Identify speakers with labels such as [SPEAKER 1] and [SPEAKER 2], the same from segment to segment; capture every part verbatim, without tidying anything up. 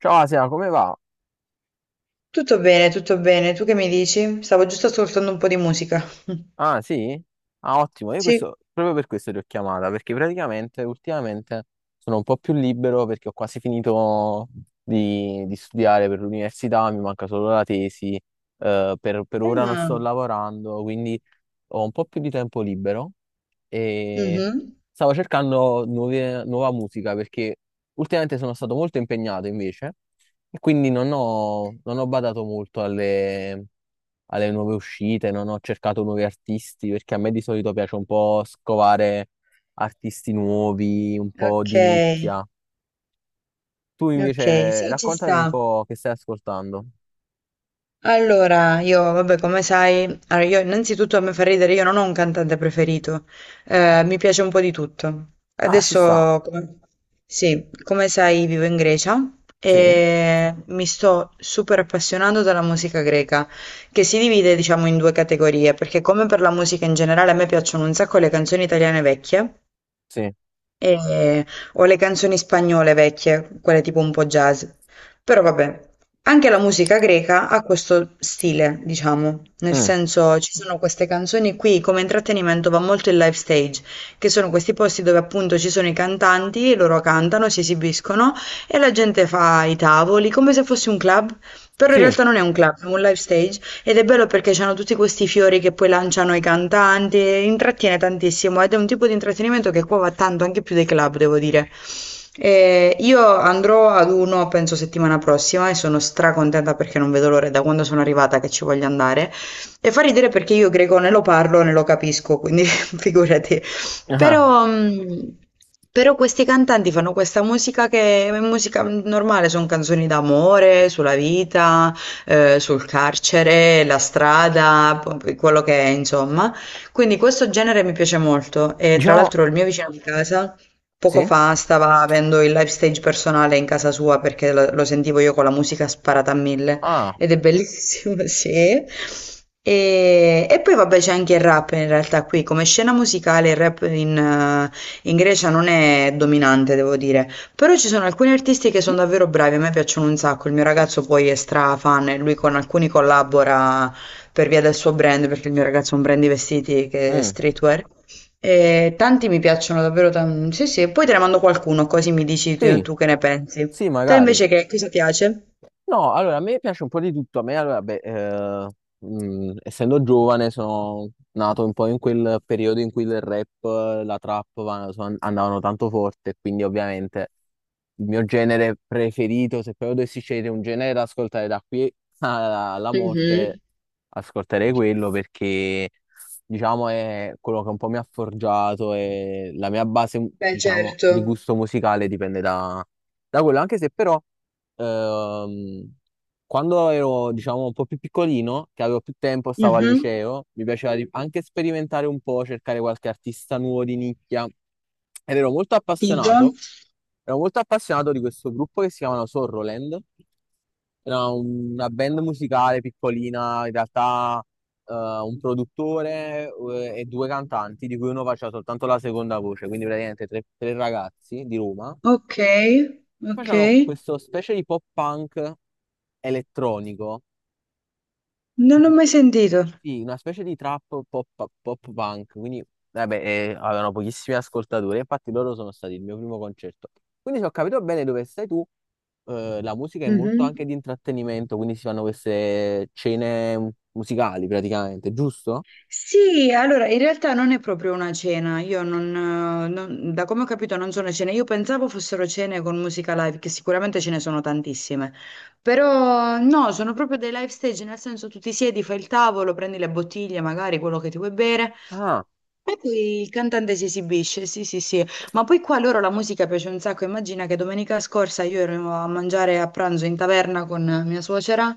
[SPEAKER 1] Ciao Asia, come va?
[SPEAKER 2] Tutto bene, tutto bene. Tu che mi dici? Stavo giusto ascoltando un po' di musica.
[SPEAKER 1] Ah, sì? Ah, ottimo, io
[SPEAKER 2] Sì.
[SPEAKER 1] questo, proprio per questo ti ho chiamata, perché praticamente ultimamente sono un po' più libero perché ho quasi finito di, di studiare per l'università, mi manca solo la tesi, eh, per, per ora non sto
[SPEAKER 2] Ah,
[SPEAKER 1] lavorando, quindi ho un po' più di tempo libero e
[SPEAKER 2] mhm.
[SPEAKER 1] stavo cercando nuove- nuova musica perché ultimamente sono stato molto impegnato invece e quindi non ho, non ho badato molto alle, alle nuove uscite, non ho cercato nuovi artisti perché a me di solito piace un po' scovare artisti nuovi, un po'
[SPEAKER 2] Ok,
[SPEAKER 1] di nicchia. Tu
[SPEAKER 2] ok,
[SPEAKER 1] invece
[SPEAKER 2] sì, ci
[SPEAKER 1] raccontami un
[SPEAKER 2] sta.
[SPEAKER 1] po' che stai ascoltando.
[SPEAKER 2] Allora, io, vabbè, come sai, allora io innanzitutto a me fa ridere, io non ho un cantante preferito, eh, mi piace un po' di tutto.
[SPEAKER 1] Ah, ci sta,
[SPEAKER 2] Adesso, come- sì, come sai, vivo in Grecia
[SPEAKER 1] sì,
[SPEAKER 2] e mi sto super appassionando della musica greca, che si divide, diciamo, in due categorie, perché come per la musica in generale, a me piacciono un sacco le canzoni italiane vecchie,
[SPEAKER 1] sì.
[SPEAKER 2] e o le canzoni spagnole vecchie, quelle tipo un po' jazz. Però vabbè, anche la musica greca ha questo stile, diciamo, nel
[SPEAKER 1] Mm,
[SPEAKER 2] senso ci sono queste canzoni qui, come intrattenimento va molto il live stage, che sono questi posti dove appunto ci sono i cantanti, loro cantano, si esibiscono e la gente fa i tavoli, come se fosse un club, però in
[SPEAKER 1] sì.
[SPEAKER 2] realtà non è un club, è un live stage ed è bello perché c'hanno tutti questi fiori che poi lanciano i cantanti, e intrattiene tantissimo ed è un tipo di intrattenimento che qua va tanto, anche più dei club, devo dire. Eh, io andrò ad uno, penso settimana prossima, e sono stracontenta perché non vedo l'ora da quando sono arrivata che ci voglio andare. E fa ridere perché io greco ne lo parlo, ne lo capisco, quindi figurati.
[SPEAKER 1] Ah,
[SPEAKER 2] Però, mh, però questi cantanti fanno questa musica che è musica normale, sono canzoni d'amore, sulla vita, eh, sul carcere, la strada, p- quello che è, insomma. Quindi questo genere mi piace molto e tra
[SPEAKER 1] diciamo,
[SPEAKER 2] l'altro il mio vicino di casa poco
[SPEAKER 1] sì,
[SPEAKER 2] fa stava avendo il live stage personale in casa sua perché lo, lo sentivo io con la musica sparata a mille
[SPEAKER 1] ah.
[SPEAKER 2] ed è bellissimo, sì. E, e poi vabbè c'è anche il rap in realtà qui, come scena musicale il rap in, eh, in Grecia non è dominante, devo dire. Però ci sono alcuni artisti che sono davvero bravi, a me piacciono un sacco, il mio ragazzo poi è stra fan e lui con alcuni collabora per via del suo brand, perché il mio ragazzo ha un brand di vestiti che è
[SPEAKER 1] Mm.
[SPEAKER 2] streetwear. E tanti mi piacciono davvero tanto. Sì, sì, poi te ne mando qualcuno, così mi dici tu,
[SPEAKER 1] Sì,
[SPEAKER 2] tu che ne pensi.
[SPEAKER 1] sì,
[SPEAKER 2] Te
[SPEAKER 1] magari.
[SPEAKER 2] invece che cosa piace?
[SPEAKER 1] No, allora a me piace un po' di tutto. A me, allora, beh, eh, mh, essendo giovane, sono nato un po' in quel periodo in cui il rap, eh, la trap va- so- andavano tanto forte, quindi ovviamente il mio genere preferito, se proprio dovessi scegliere un genere da ascoltare da qui alla, alla morte,
[SPEAKER 2] Mhm.
[SPEAKER 1] ascolterei quello perché, diciamo, è quello che un po' mi ha forgiato e la mia base,
[SPEAKER 2] Beh,
[SPEAKER 1] diciamo,
[SPEAKER 2] certo.
[SPEAKER 1] di gusto musicale dipende da da quello, anche se però ehm, quando ero, diciamo, un po' più piccolino, che avevo più tempo, stavo al
[SPEAKER 2] Mhm.
[SPEAKER 1] liceo, mi piaceva di- anche sperimentare un po', cercare qualche artista nuovo di nicchia. Ed ero molto
[SPEAKER 2] Tipo?
[SPEAKER 1] appassionato, ero molto appassionato di questo gruppo che si chiamano Sorroland. Era una band musicale piccolina, in realtà eh, un produttore eh, e due cantanti, di cui uno faceva soltanto la seconda voce, quindi praticamente tre, tre ragazzi di Roma
[SPEAKER 2] Ok,
[SPEAKER 1] che
[SPEAKER 2] ok.
[SPEAKER 1] facevano questo specie di pop punk elettronico,
[SPEAKER 2] Non
[SPEAKER 1] mm,
[SPEAKER 2] l'ho mai sentito.
[SPEAKER 1] sì, una specie di trap pop, pop punk, quindi vabbè, eh, avevano pochissimi ascoltatori, infatti loro sono stati il mio primo concerto. Quindi se ho capito bene dove stai tu, eh, la musica è molto anche
[SPEAKER 2] Mhm.
[SPEAKER 1] di intrattenimento, quindi si fanno queste cene musicali praticamente, giusto?
[SPEAKER 2] Sì, allora in realtà non è proprio una cena, io non, eh, non- da come ho capito non sono cene, io pensavo fossero cene con musica live, che sicuramente ce ne sono tantissime, però no, sono proprio dei live stage, nel senso tu ti siedi, fai il tavolo, prendi le bottiglie, magari quello che ti vuoi bere,
[SPEAKER 1] Ah,
[SPEAKER 2] e poi il cantante si esibisce, sì sì sì, ma poi qua loro la musica piace un sacco, immagina che domenica scorsa io ero a mangiare a pranzo in taverna con mia suocera.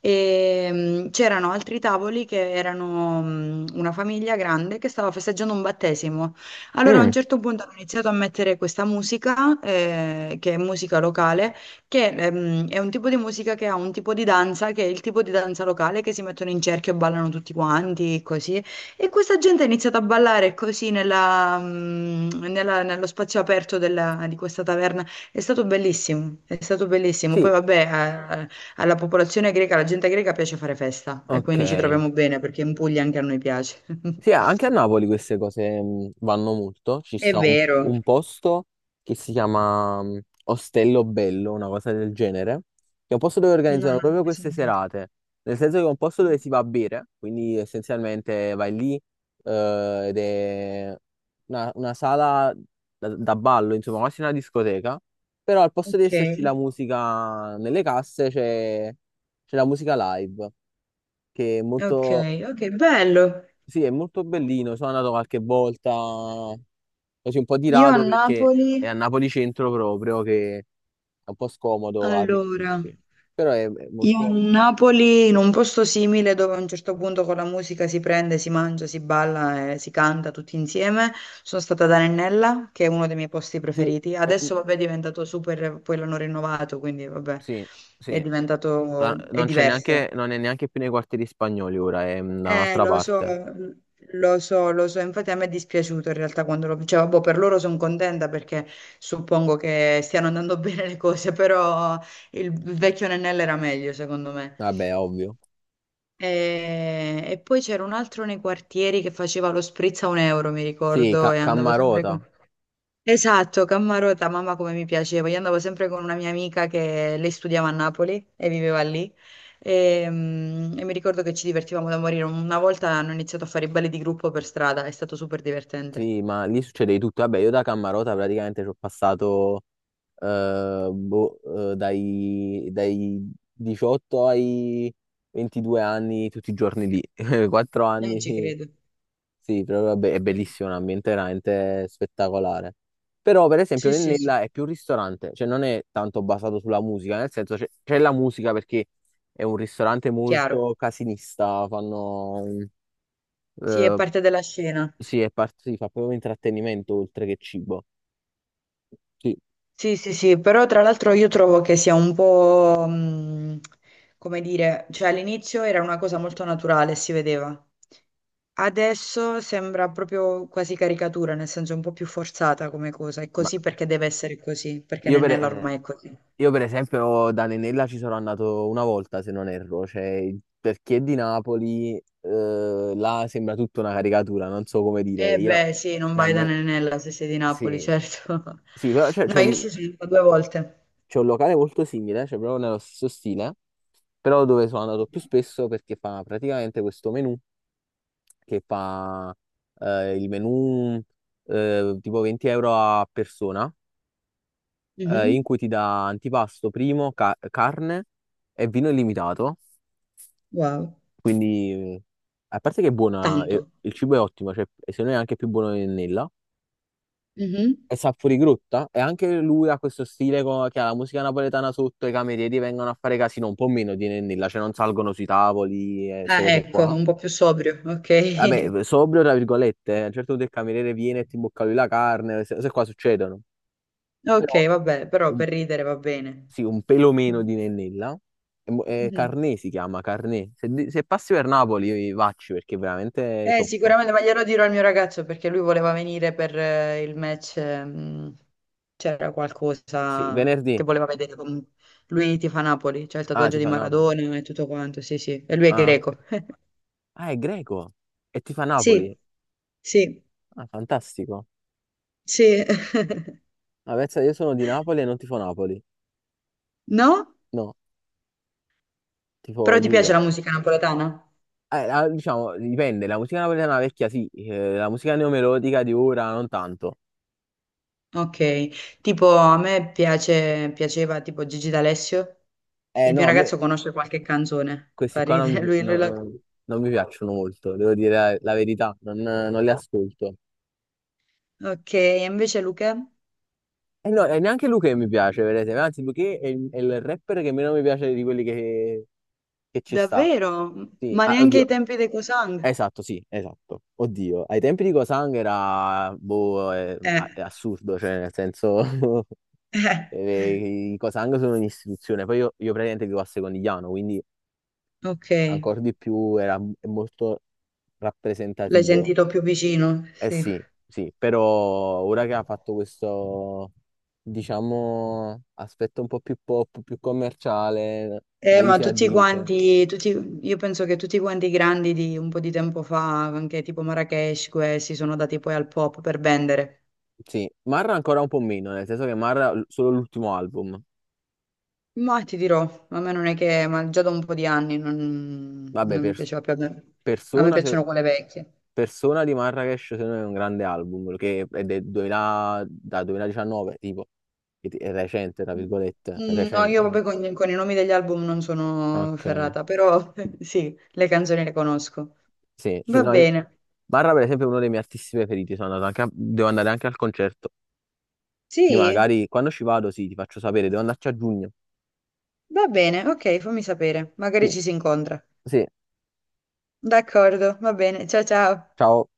[SPEAKER 2] E mh, c'erano altri tavoli che erano mh, una famiglia grande che stava festeggiando un battesimo. Allora a un
[SPEAKER 1] mm,
[SPEAKER 2] certo punto hanno iniziato a mettere questa musica, eh, che è musica locale, che ehm, è un tipo di musica che ha un tipo di danza, che è il tipo di danza locale che si mettono in cerchio e ballano tutti quanti, così. E questa gente ha iniziato a ballare così nella, mm, nella- nello spazio aperto della- di questa taverna. È stato bellissimo, è stato bellissimo. Poi
[SPEAKER 1] sì,
[SPEAKER 2] vabbè, eh, alla popolazione greca, alla gente greca piace fare festa e
[SPEAKER 1] ok.
[SPEAKER 2] quindi ci troviamo bene perché in Puglia anche a noi piace.
[SPEAKER 1] Sì, anche a Napoli queste cose mh, vanno molto. Ci
[SPEAKER 2] È
[SPEAKER 1] sta un,
[SPEAKER 2] vero.
[SPEAKER 1] un posto che si chiama mh, Ostello Bello, una cosa del genere, che è un posto dove
[SPEAKER 2] No,
[SPEAKER 1] organizzano
[SPEAKER 2] non l'ho
[SPEAKER 1] proprio
[SPEAKER 2] mai
[SPEAKER 1] queste
[SPEAKER 2] sentito.
[SPEAKER 1] serate, nel senso che è un posto dove si va a bere, quindi essenzialmente vai lì eh, ed è una, una sala da, da ballo, insomma, quasi una discoteca, però al posto di
[SPEAKER 2] Ok,
[SPEAKER 1] esserci la musica nelle casse c'è c'è la musica live, che è
[SPEAKER 2] ok,
[SPEAKER 1] molto
[SPEAKER 2] ok, bello.
[SPEAKER 1] sì, è molto bellino, sono andato qualche volta, così un po' di
[SPEAKER 2] Io a
[SPEAKER 1] rado perché
[SPEAKER 2] Napoli,
[SPEAKER 1] è a Napoli centro proprio, che è un po' scomodo
[SPEAKER 2] allora.
[SPEAKER 1] arrivarci. Però è, è
[SPEAKER 2] Io a
[SPEAKER 1] molto...
[SPEAKER 2] Napoli, in un posto simile dove a un certo punto con la musica si prende, si mangia, si balla e si canta tutti insieme, sono stata ad Arenella, che è uno dei miei posti
[SPEAKER 1] Sì,
[SPEAKER 2] preferiti.
[SPEAKER 1] è-
[SPEAKER 2] Adesso vabbè è diventato super, poi l'hanno rinnovato, quindi vabbè
[SPEAKER 1] sì,
[SPEAKER 2] è
[SPEAKER 1] sì. La-
[SPEAKER 2] diventato, è
[SPEAKER 1] non c'è neanche,
[SPEAKER 2] diverso.
[SPEAKER 1] non è neanche più nei quartieri spagnoli ora, è mm, da
[SPEAKER 2] Eh,
[SPEAKER 1] un'altra
[SPEAKER 2] lo so,
[SPEAKER 1] parte.
[SPEAKER 2] lo so, lo so, infatti a me è dispiaciuto in realtà quando lo... Cioè, boh, per loro sono contenta perché suppongo che stiano andando bene le cose, però il vecchio Nennella era meglio secondo me.
[SPEAKER 1] Vabbè, ovvio.
[SPEAKER 2] E, e poi c'era un altro nei quartieri che faceva lo spritz a un euro, mi
[SPEAKER 1] Sì,
[SPEAKER 2] ricordo,
[SPEAKER 1] Ca-
[SPEAKER 2] e andavo sempre
[SPEAKER 1] Cammarota.
[SPEAKER 2] con... Esatto, Cammarota, mamma come mi piaceva. Io andavo sempre con una mia amica che lei studiava a Napoli e viveva lì. E, mm, e mi ricordo che ci divertivamo da morire. Una volta hanno iniziato a fare i balli di gruppo per strada, è stato super divertente.
[SPEAKER 1] Sì, ma lì succede di tutto. Vabbè, io da Cammarota praticamente ci ho passato eh, boh, eh, dai, dai diciotto ai ventidue anni tutti i giorni lì. Quattro
[SPEAKER 2] Eh, ci
[SPEAKER 1] anni,
[SPEAKER 2] credo.
[SPEAKER 1] sì, però vabbè, è bellissimo, è un ambiente veramente spettacolare. Però, per esempio,
[SPEAKER 2] Sì, sì, sì,
[SPEAKER 1] Nennella è più un ristorante, cioè non è tanto basato sulla musica, nel senso c'è c'è la musica perché è un ristorante
[SPEAKER 2] chiaro.
[SPEAKER 1] molto casinista, fanno...
[SPEAKER 2] Sì, è
[SPEAKER 1] eh,
[SPEAKER 2] parte della scena.
[SPEAKER 1] sì, è par- si fa proprio intrattenimento oltre che cibo. Sì,
[SPEAKER 2] Sì, sì, sì, però tra l'altro io trovo che sia un po', mh, come dire, cioè all'inizio era una cosa molto naturale, si vedeva. Adesso sembra proprio quasi caricatura, nel senso un po' più forzata come cosa. È
[SPEAKER 1] ma
[SPEAKER 2] così perché deve essere così, perché
[SPEAKER 1] io per,
[SPEAKER 2] Nennella
[SPEAKER 1] eh,
[SPEAKER 2] ormai è così.
[SPEAKER 1] io per esempio da Nenella ci sono andato una volta, se non erro, cioè per chi è di Napoli, eh, là sembra tutta una caricatura, non so come dire.
[SPEAKER 2] Eh
[SPEAKER 1] Io,
[SPEAKER 2] beh, sì, non
[SPEAKER 1] da
[SPEAKER 2] vai da
[SPEAKER 1] me,
[SPEAKER 2] Nennella se sei di Napoli,
[SPEAKER 1] sì,
[SPEAKER 2] certo.
[SPEAKER 1] sì, però cioè, c'è
[SPEAKER 2] No, io
[SPEAKER 1] un,
[SPEAKER 2] ci sono stata due volte.
[SPEAKER 1] c'è un locale molto simile, cioè proprio nello stesso stile, però dove sono andato più spesso perché fa praticamente questo menù che fa eh, il menù eh, tipo venti euro a persona eh,
[SPEAKER 2] Mhm.
[SPEAKER 1] in cui ti dà antipasto primo, ca- carne e vino illimitato.
[SPEAKER 2] Wow,
[SPEAKER 1] Quindi, eh, a parte che è buona, eh,
[SPEAKER 2] tanto.
[SPEAKER 1] il cibo è ottimo, cioè, e secondo me è anche più buono di Nella.
[SPEAKER 2] Mhm.
[SPEAKER 1] È sapori Grotta e anche lui ha questo stile co- che ha la musica napoletana sotto, i camerieri vengono a fare casino un po' meno di Nennilla, cioè non salgono sui tavoli e queste
[SPEAKER 2] Ah,
[SPEAKER 1] cose
[SPEAKER 2] ecco,
[SPEAKER 1] qua.
[SPEAKER 2] un po' più sobrio, ok.
[SPEAKER 1] Vabbè, sobrio tra virgolette, eh, a un certo punto il cameriere viene e ti imbocca lui la carne, queste cose qua succedono.
[SPEAKER 2] Ok,
[SPEAKER 1] Però
[SPEAKER 2] vabbè, però per ridere va bene.
[SPEAKER 1] sì, un pelo meno di Nennella. E mo- e
[SPEAKER 2] Mhm.
[SPEAKER 1] Carné si chiama, Carné. Se, di- se passi per Napoli, vacci perché è veramente
[SPEAKER 2] Eh,
[SPEAKER 1] top.
[SPEAKER 2] sicuramente, ma glielo dirò al mio ragazzo perché lui voleva venire per eh, il match, ehm, c'era
[SPEAKER 1] Sì,
[SPEAKER 2] qualcosa che
[SPEAKER 1] venerdì.
[SPEAKER 2] voleva vedere. con- Lui tifa Napoli, c'è il
[SPEAKER 1] Ah,
[SPEAKER 2] tatuaggio
[SPEAKER 1] ti
[SPEAKER 2] di
[SPEAKER 1] fa Napoli.
[SPEAKER 2] Maradona e tutto quanto, sì, sì, e lui è
[SPEAKER 1] Ah, ok.
[SPEAKER 2] greco.
[SPEAKER 1] Ah, è greco. E ti fa
[SPEAKER 2] Sì,
[SPEAKER 1] Napoli.
[SPEAKER 2] sì,
[SPEAKER 1] Ah, fantastico.
[SPEAKER 2] sì.
[SPEAKER 1] Ma pensa, io sono di Napoli e non tifo Napoli.
[SPEAKER 2] No?
[SPEAKER 1] No, tifo
[SPEAKER 2] Però ti piace
[SPEAKER 1] Juve.
[SPEAKER 2] la musica napoletana?
[SPEAKER 1] Eh, la- diciamo, dipende. La musica napoletana vecchia sì, eh, la musica neomelodica di ora non tanto.
[SPEAKER 2] Ok, tipo a me piace, piaceva tipo Gigi D'Alessio,
[SPEAKER 1] Eh,
[SPEAKER 2] il mio
[SPEAKER 1] no, a me
[SPEAKER 2] ragazzo conosce qualche canzone,
[SPEAKER 1] questi
[SPEAKER 2] fa
[SPEAKER 1] qua non
[SPEAKER 2] ridere,
[SPEAKER 1] mi,
[SPEAKER 2] lui, lui la-
[SPEAKER 1] no- non mi piacciono molto, devo dire la, la verità, non, non li ascolto.
[SPEAKER 2] Ok, e invece Luca?
[SPEAKER 1] E no, e neanche Luché mi piace, vedete, anzi Luché è il, è il rapper che meno mi piace di quelli che, che ci sta.
[SPEAKER 2] Davvero?
[SPEAKER 1] Sì,
[SPEAKER 2] Ma
[SPEAKER 1] ah,
[SPEAKER 2] neanche ai
[SPEAKER 1] oddio,
[SPEAKER 2] tempi dei Cosang?
[SPEAKER 1] esatto, sì, esatto. Oddio, ai tempi di Cosang era, boh, è,
[SPEAKER 2] Eh,
[SPEAKER 1] è assurdo, cioè nel senso,
[SPEAKER 2] eh,
[SPEAKER 1] eh, i Cosang sono un'istituzione, poi io, io praticamente vivo a Secondigliano, quindi
[SPEAKER 2] ok,
[SPEAKER 1] ancora di più era è molto
[SPEAKER 2] l'hai
[SPEAKER 1] rappresentativo.
[SPEAKER 2] sentito più vicino,
[SPEAKER 1] Eh
[SPEAKER 2] sì.
[SPEAKER 1] sì, sì, però ora che ha fatto questo, diciamo, aspetto un po' più pop, più commerciale,
[SPEAKER 2] Eh,
[SPEAKER 1] la gli
[SPEAKER 2] ma
[SPEAKER 1] si
[SPEAKER 2] tutti
[SPEAKER 1] addice.
[SPEAKER 2] quanti, tutti- io penso che tutti quanti i grandi di un po' di tempo fa, anche tipo Marrakesh, questi sono dati poi al pop per vendere.
[SPEAKER 1] Sì, Marra ancora un po' meno, nel senso che Marra l- solo l'ultimo album.
[SPEAKER 2] Ma ti dirò, a me non è che, ma già da un po' di anni non,
[SPEAKER 1] Vabbè,
[SPEAKER 2] non mi
[SPEAKER 1] per-
[SPEAKER 2] piaceva più. A me a me
[SPEAKER 1] Persona, se-
[SPEAKER 2] piacciono quelle vecchie.
[SPEAKER 1] Persona di Marracash secondo me è un grande album, che è del duemila da duemiladiciannove, tipo, è è recente, tra virgolette, è
[SPEAKER 2] Mm, no, io
[SPEAKER 1] recente.
[SPEAKER 2] proprio con, con i nomi degli album non sono
[SPEAKER 1] Ok,
[SPEAKER 2] ferrata, però sì, le canzoni le conosco.
[SPEAKER 1] sì, sì,
[SPEAKER 2] Va
[SPEAKER 1] no, io-
[SPEAKER 2] bene.
[SPEAKER 1] Barra per esempio è uno dei miei artisti preferiti, sono andato anche a- devo andare anche al concerto. Quindi
[SPEAKER 2] Sì,
[SPEAKER 1] magari quando ci vado, sì, ti faccio sapere, devo andarci a giugno.
[SPEAKER 2] va bene, ok, fammi sapere. Magari
[SPEAKER 1] Sì,
[SPEAKER 2] ci si incontra.
[SPEAKER 1] sì,
[SPEAKER 2] D'accordo, va bene. Ciao ciao.
[SPEAKER 1] ciao.